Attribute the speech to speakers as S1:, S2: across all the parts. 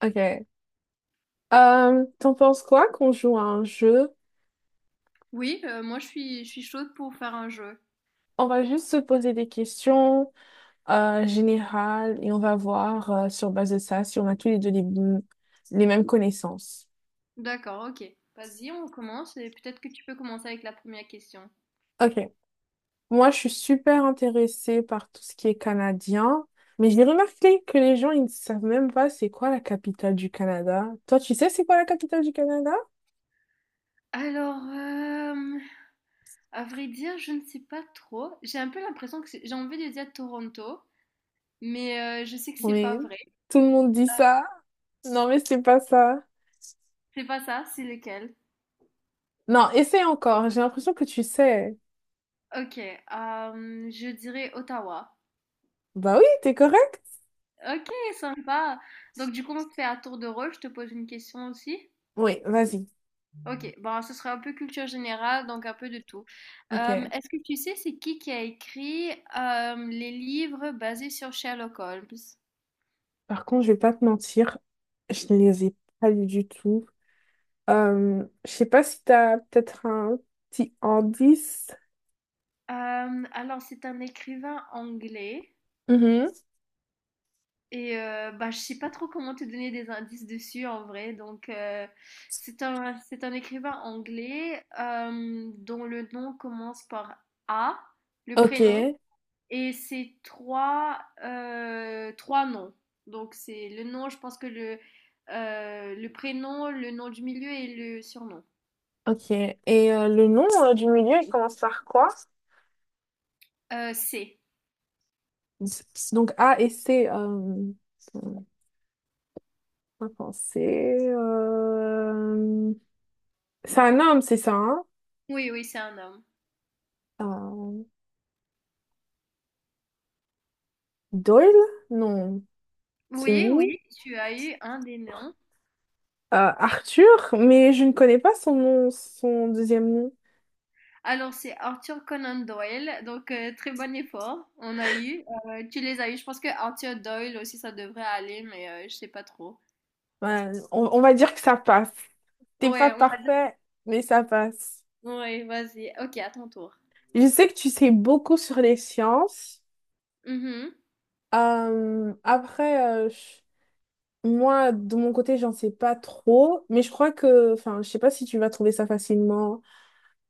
S1: Ok. T'en penses quoi qu'on joue à un jeu?
S2: Oui, moi je suis chaude pour faire un jeu.
S1: On va juste se poser des questions générales et on va voir sur base de ça si on a tous les deux les mêmes connaissances.
S2: D'accord, OK. Vas-y, on commence et peut-être que tu peux commencer avec la première question.
S1: Ok. Moi, je suis super intéressée par tout ce qui est canadien, mais j'ai remarqué que les gens, ils ne savent même pas c'est quoi la capitale du Canada. Toi, tu sais c'est quoi la capitale du Canada?
S2: Alors, à vrai dire, je ne sais pas trop. J'ai un peu l'impression que c'est j'ai envie de dire Toronto, mais, je sais que c'est
S1: Oui.
S2: pas vrai.
S1: Tout le monde dit ça. Non, mais c'est pas ça.
S2: C'est pas ça, c'est lequel?
S1: Non, essaie encore. J'ai l'impression que tu sais.
S2: OK, je dirais Ottawa.
S1: Bah oui, t'es correct.
S2: OK, sympa. Donc du coup, on fait à tour de rôle, je te pose une question aussi?
S1: Oui, vas-y.
S2: Ok, bon, ce sera un peu culture générale, donc un peu de tout.
S1: Ok.
S2: Est-ce que tu sais c'est qui a écrit les livres basés sur Sherlock Holmes?
S1: Par contre, je vais pas te mentir, je ne les ai pas lus du tout. Je sais pas si t'as peut-être un petit indice.
S2: Alors, c'est un écrivain anglais
S1: Mhm.
S2: et bah, je sais pas trop comment te donner des indices dessus en vrai. Donc, c'est un écrivain anglais dont le nom commence par A, le
S1: Ok,
S2: prénom. Et c'est trois, trois noms. Donc c'est le nom, je pense que le prénom, le nom du milieu et le surnom.
S1: ok. Et le nom du milieu, il commence par quoi?
S2: C'est.
S1: Donc A et C. Attends, pas penser. C'est un homme, c'est ça, hein?
S2: Oui, oui, c'est un homme.
S1: Euh, Doyle? Non, c'est
S2: Oui,
S1: lui.
S2: oui, tu as eu un des noms.
S1: Arthur, mais je ne connais pas son nom, son deuxième nom.
S2: Alors c'est Arthur Conan Doyle, donc très bon effort. On a eu, tu les as eu. Je pense que Arthur Doyle aussi ça devrait aller, mais je sais pas trop.
S1: Ouais, on va dire que ça passe. T'es pas
S2: Ouais, on va dire.
S1: parfait, mais ça passe.
S2: Ouais, vas-y. Ok, à ton tour.
S1: Je sais que tu sais beaucoup sur les sciences.
S2: Mhm.
S1: Euh, après, euh, je- Moi, de mon côté, j'en sais pas trop, mais je crois que, enfin, je sais pas si tu vas trouver ça facilement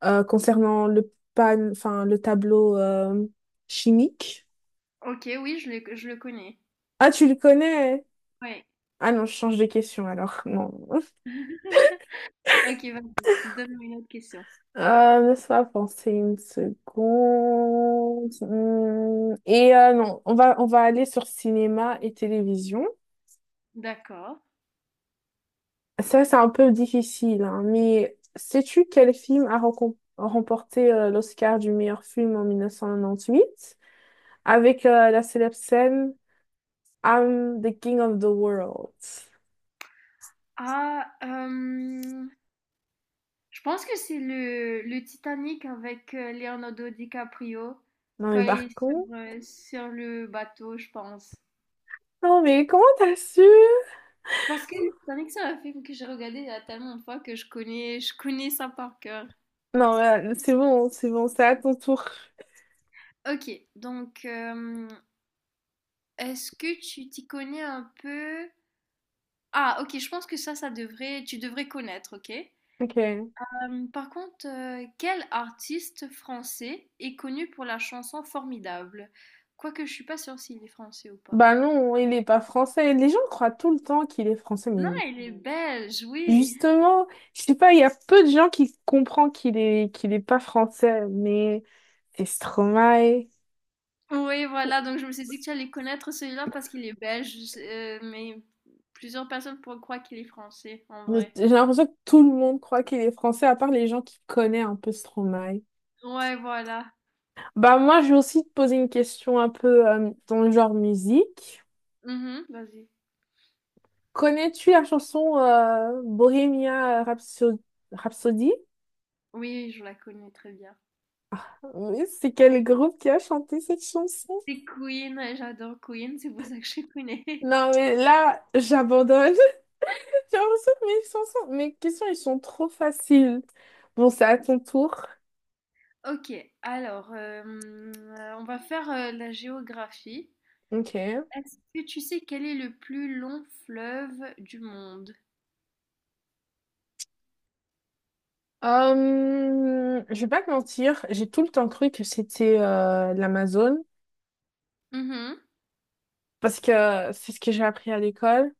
S1: concernant enfin, le tableau chimique.
S2: Ok, oui, je le connais.
S1: Ah, tu le connais?
S2: Ouais.
S1: Ah non, je change de question alors. Non.
S2: OK, vas-y, donne-moi une autre question.
S1: Laisse-moi penser une seconde. Et non, on va aller sur cinéma et télévision.
S2: D'accord.
S1: Ça, c'est un peu difficile, hein, mais sais-tu quel film a remporté l'Oscar du meilleur film en 1998 avec la célèbre scène I'm the King of the World?
S2: Ah, je pense que c'est le Titanic avec Leonardo DiCaprio
S1: Non,
S2: quand
S1: mais
S2: il est
S1: par
S2: sur,
S1: contre...
S2: euh, sur le bateau, je pense.
S1: Non, mais comment t'as su?
S2: Parce que le Titanic, c'est un film que j'ai regardé il y a tellement de fois que je connais ça par cœur.
S1: Non, c'est bon, c'est bon, c'est à ton tour.
S2: Ok, donc est-ce que tu t'y connais un peu? Ah, ok, je pense que ça devrait, tu devrais connaître, ok?
S1: Ok.
S2: Par contre, quel artiste français est connu pour la chanson Formidable? Quoique je suis pas sûre s'il est français ou pas.
S1: Bah non, il est pas français. Les gens croient tout le temps qu'il est français,
S2: Non,
S1: mais
S2: il est belge, oui.
S1: justement, je sais pas, il y a peu de gens qui comprennent qu'il est pas français, mais c'est Stromae.
S2: Oui, voilà, donc je me suis dit que j'allais connaître celui-là parce qu'il est belge, mais plusieurs personnes pourraient croire qu'il est français, en vrai.
S1: J'ai l'impression que tout le monde croit qu'il est français, à part les gens qui connaissent un peu Stromae.
S2: Ouais, voilà.
S1: Bah moi, je vais aussi te poser une question un peu dans le genre musique.
S2: Mhm, vas-y.
S1: Connais-tu la chanson Rhapsody?
S2: Oui, je la connais très bien.
S1: Oui, c'est quel groupe qui a chanté cette chanson?
S2: C'est Queen, et j'adore Queen, c'est pour ça que je connais.
S1: Non, mais là, j'abandonne. J'ai l'impression que mes questions, ils sont trop faciles. Bon, c'est à ton tour.
S2: Ok, alors, on va faire la géographie.
S1: Ok.
S2: Est-ce que tu sais quel est le plus long fleuve du monde?
S1: Je vais pas te mentir, j'ai tout le temps cru que c'était l'Amazone,
S2: Mhm.
S1: parce que c'est ce que j'ai appris à l'école.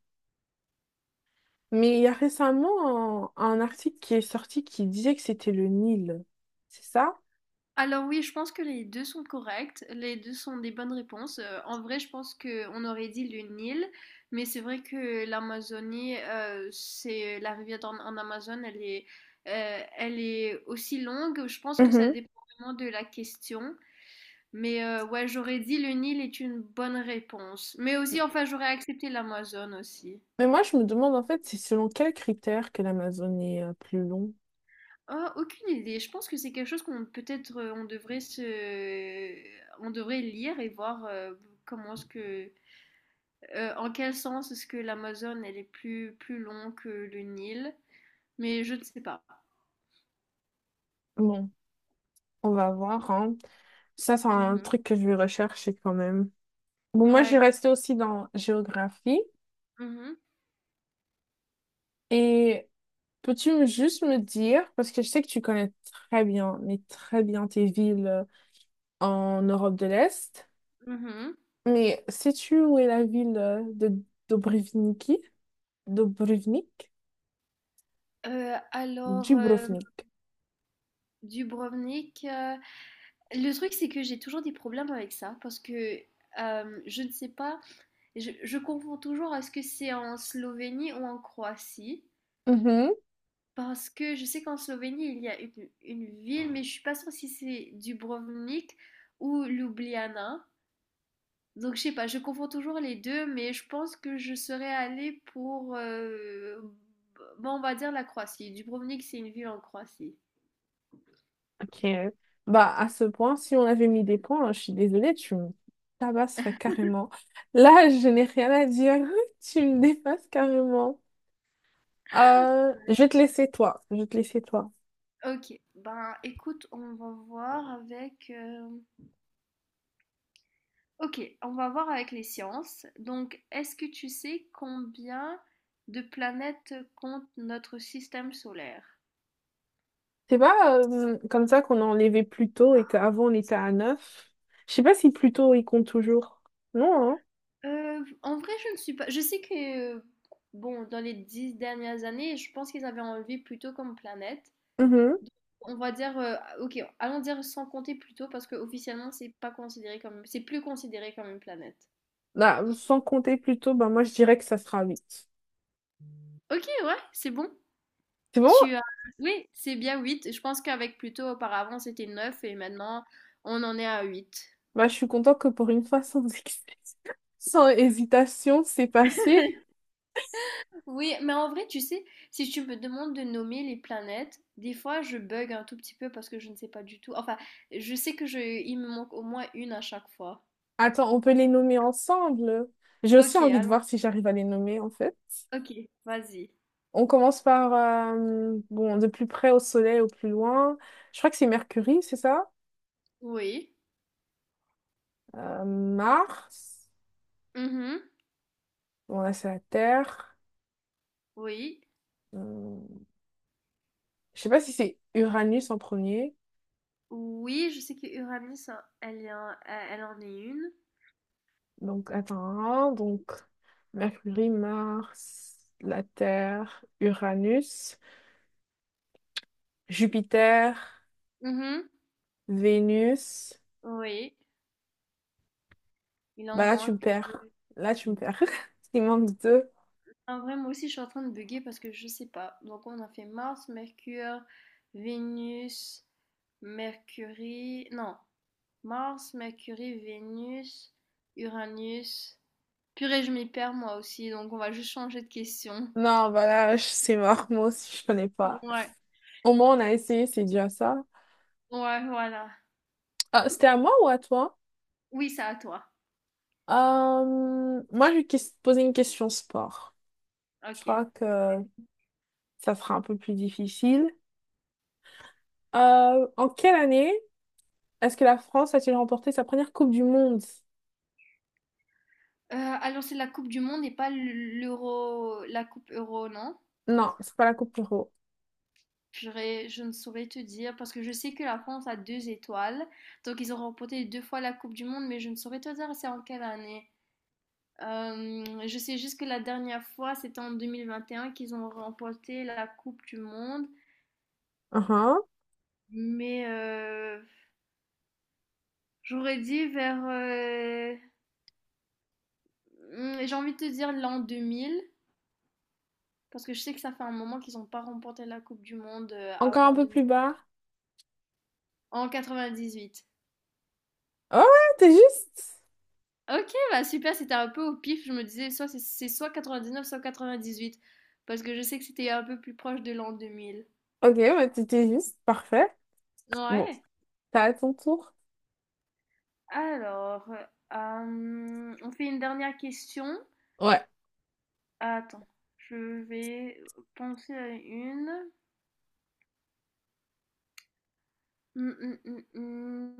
S1: Mais il y a récemment un article qui est sorti qui disait que c'était le Nil. C'est ça?
S2: Alors oui, je pense que les deux sont corrects, les deux sont des bonnes réponses. En vrai, je pense qu'on aurait dit le Nil, mais c'est vrai que l'Amazonie, c'est la rivière en Amazone, elle est aussi longue. Je pense que ça
S1: Mhm.
S2: dépend vraiment de la question, mais ouais, j'aurais dit le Nil est une bonne réponse. Mais aussi, enfin, j'aurais accepté l'Amazon aussi.
S1: Mais moi, je me demande en fait, c'est selon quel critère que l'Amazone est plus long.
S2: Oh, aucune idée. Je pense que c'est quelque chose qu'on peut-être on devrait lire et voir, comment est-ce que, en quel sens est-ce que l'Amazone elle est plus long que le Nil, mais je ne sais pas.
S1: Bon, on va voir, hein. Ça, c'est un
S2: Mhm.
S1: truc que je vais rechercher quand même. Bon, moi, j'ai
S2: Ouais.
S1: resté aussi dans géographie.
S2: Mhm.
S1: Et peux-tu juste me dire, parce que je sais que tu connais très bien, mais très bien tes villes en Europe de l'Est,
S2: Mhm.
S1: mais sais-tu où est la ville de Dubrovniki? Dubrovnik?
S2: Alors,
S1: Dubrovnik.
S2: Dubrovnik, le truc c'est que j'ai toujours des problèmes avec ça parce que je ne sais pas, je confonds toujours est-ce que c'est en Slovénie ou en Croatie.
S1: Mhm.
S2: Parce que je sais qu'en Slovénie, il y a une ville, mais je suis pas sûre si c'est Dubrovnik ou Ljubljana. Donc je sais pas, je confonds toujours les deux, mais je pense que je serais allée pour, bon, on va dire la Croatie. Dubrovnik, c'est une ville en Croatie.
S1: Ok. Bah, à ce point, si on avait mis des points, hein, je suis désolée, tu me tabasserais carrément. Là, je n'ai rien à dire. Tu me dépasses carrément. Je vais te laisser toi. Je vais te laisser toi.
S2: Ok, ben écoute, on va voir avec. Ok, on va voir avec les sciences. Donc, est-ce que tu sais combien de planètes compte notre système solaire?
S1: C'est pas comme ça qu'on a enlevé plus tôt et qu'avant on était à neuf. Je sais pas si plus tôt il compte toujours. Non,
S2: En vrai, je ne suis pas. Je sais que, bon, dans les 10 dernières années, je pense qu'ils avaient enlevé plutôt comme planète.
S1: hein? Mhm.
S2: On va dire, ok, allons dire sans compter plutôt parce que officiellement, c'est pas considéré comme, c'est plus considéré comme une planète.
S1: Bah, sans compter plus tôt, bah moi je dirais que ça sera huit.
S2: Ok, ouais, c'est bon.
S1: C'est bon?
S2: Tu as, oui, c'est bien 8. Je pense qu'avec Pluto, auparavant, c'était 9 et maintenant, on en est à 8.
S1: Bah je suis contente que pour une fois sans excès. Sans hésitation, c'est passé.
S2: Oui, mais en vrai, tu sais, si tu me demandes de nommer les planètes, des fois je bug un tout petit peu parce que je ne sais pas du tout. Enfin, je sais que il me manque au moins une à chaque fois.
S1: Attends, on peut les nommer ensemble. J'ai aussi
S2: Ok,
S1: envie de
S2: alors,
S1: voir si j'arrive à les nommer, en fait.
S2: ok, vas-y.
S1: On commence par, bon, de plus près au Soleil, au plus loin. Je crois que c'est Mercure, c'est ça?
S2: Oui.
S1: Mars.
S2: Mhm.
S1: Bon, là, c'est la Terre.
S2: Oui.
S1: Euh, je sais pas si c'est Uranus en premier.
S2: Oui, je sais que Uranus, elle est elle en est une.
S1: Donc, attends, hein, donc, Mercure, Mars, la Terre, Uranus, Jupiter,
S2: Mhm.
S1: Vénus.
S2: Oui, il en
S1: Bah là, tu me
S2: manque
S1: perds. Là, tu me
S2: deux.
S1: perds. Il manque deux.
S2: En vrai, moi aussi, je suis en train de bugger parce que je sais pas. Donc, on a fait Mars, Mercure, Vénus, Mercury. Non. Mars, Mercure, Vénus, Uranus. Purée, je m'y perds moi aussi, donc on va juste changer de question.
S1: Non, c'est mort. Moi aussi, je connais pas.
S2: Ouais,
S1: Au moins, on a essayé, c'est déjà ça.
S2: ouais, voilà.
S1: Ah, c'était à moi ou à toi?
S2: Oui, c'est à toi.
S1: Moi, je vais poser une question sport. Je
S2: Ok.
S1: crois que ça sera un peu plus difficile. En quelle année est-ce que la France a-t-il remporté sa première Coupe du Monde?
S2: Alors, c'est la Coupe du Monde et pas l'Euro, la Coupe Euro, non?
S1: Non, c'est pas la Coupe Euro.
S2: Purée, je ne saurais te dire parce que je sais que la France a deux étoiles. Donc, ils ont remporté deux fois la Coupe du Monde, mais je ne saurais te dire c'est en quelle année. Je sais juste que la dernière fois, c'était en 2021 qu'ils ont remporté la Coupe du Monde.
S1: Uhum.
S2: Mais j'aurais dit vers, mmh, j'ai envie de te dire l'an 2000 parce que je sais que ça fait un moment qu'ils ont pas remporté la coupe du monde,
S1: Encore un
S2: avant
S1: peu
S2: 2000.
S1: plus bas.
S2: En 98.
S1: Oh ouais, t'es juste.
S2: OK, bah, super, c'était un peu au pif. Je me disais soit c'est soit 99, soit huit parce que je sais que c'était un peu plus proche de l'an 2000.
S1: Ok, bah t'étais juste. Parfait. Bon,
S2: Ouais.
S1: t'as à ton tour.
S2: Alors, on fait une dernière question.
S1: Ouais.
S2: Attends, je vais penser à une. Mmh, mmh, mmh,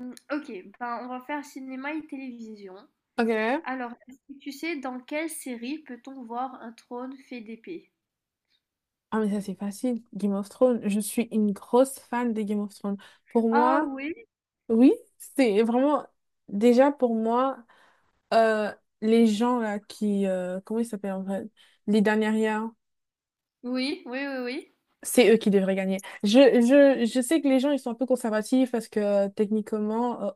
S2: mmh. OK, ben, on va faire cinéma et télévision.
S1: Ok.
S2: Alors, est-ce que tu sais dans quelle série peut-on voir un trône fait d'épée?
S1: Ah, mais ça, c'est facile. Game of Thrones. Je suis une grosse fan de Game of Thrones. Pour
S2: Ah
S1: moi,
S2: oui,
S1: oui, c'est vraiment. Déjà, pour moi, euh, les gens là qui. Comment ils s'appellent en vrai? Les dernières,
S2: oui, oui, oui, oui.
S1: c'est eux qui devraient gagner. Je sais que les gens, ils sont un peu conservatifs parce que techniquement,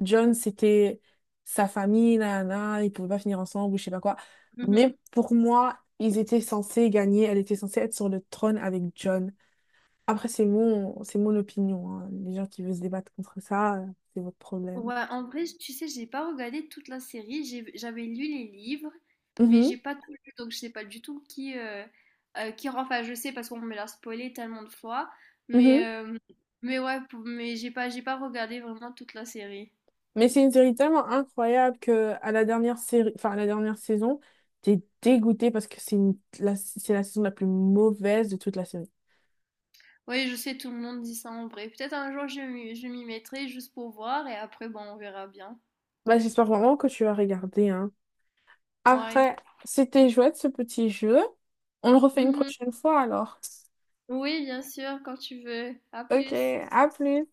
S1: John, c'était sa famille, là, ils pouvaient pas finir ensemble ou je sais pas quoi.
S2: Mhm.
S1: Mais pour moi, ils étaient censés gagner. Elle était censée être sur le trône avec John. Après, c'est mon opinion, hein. Les gens qui veulent se débattre contre ça, c'est votre problème.
S2: Ouais, en vrai, tu sais, j'ai pas regardé toute la série. J'avais lu les livres, mais
S1: Mhm,
S2: j'ai pas tout lu, donc je sais pas du tout qui rend. Enfin, je sais parce qu'on me l'a spoilé tellement de fois,
S1: mhm.
S2: mais mais ouais, mais j'ai pas regardé vraiment toute la série.
S1: Mais c'est une série tellement incroyable que à la dernière série, enfin, à la dernière saison, t'es dégoûté parce que c'est la saison la plus mauvaise de toute la série.
S2: Oui, je sais, tout le monde dit ça en vrai. Peut-être un jour je m'y mettrai juste pour voir et après, bon, on verra bien.
S1: Bah, j'espère vraiment que tu vas regarder, hein.
S2: Ouais.
S1: Après, c'était chouette ce petit jeu. On le refait une
S2: Mhm.
S1: prochaine fois alors.
S2: Oui, bien sûr, quand tu veux. À
S1: Ok,
S2: plus.
S1: à plus.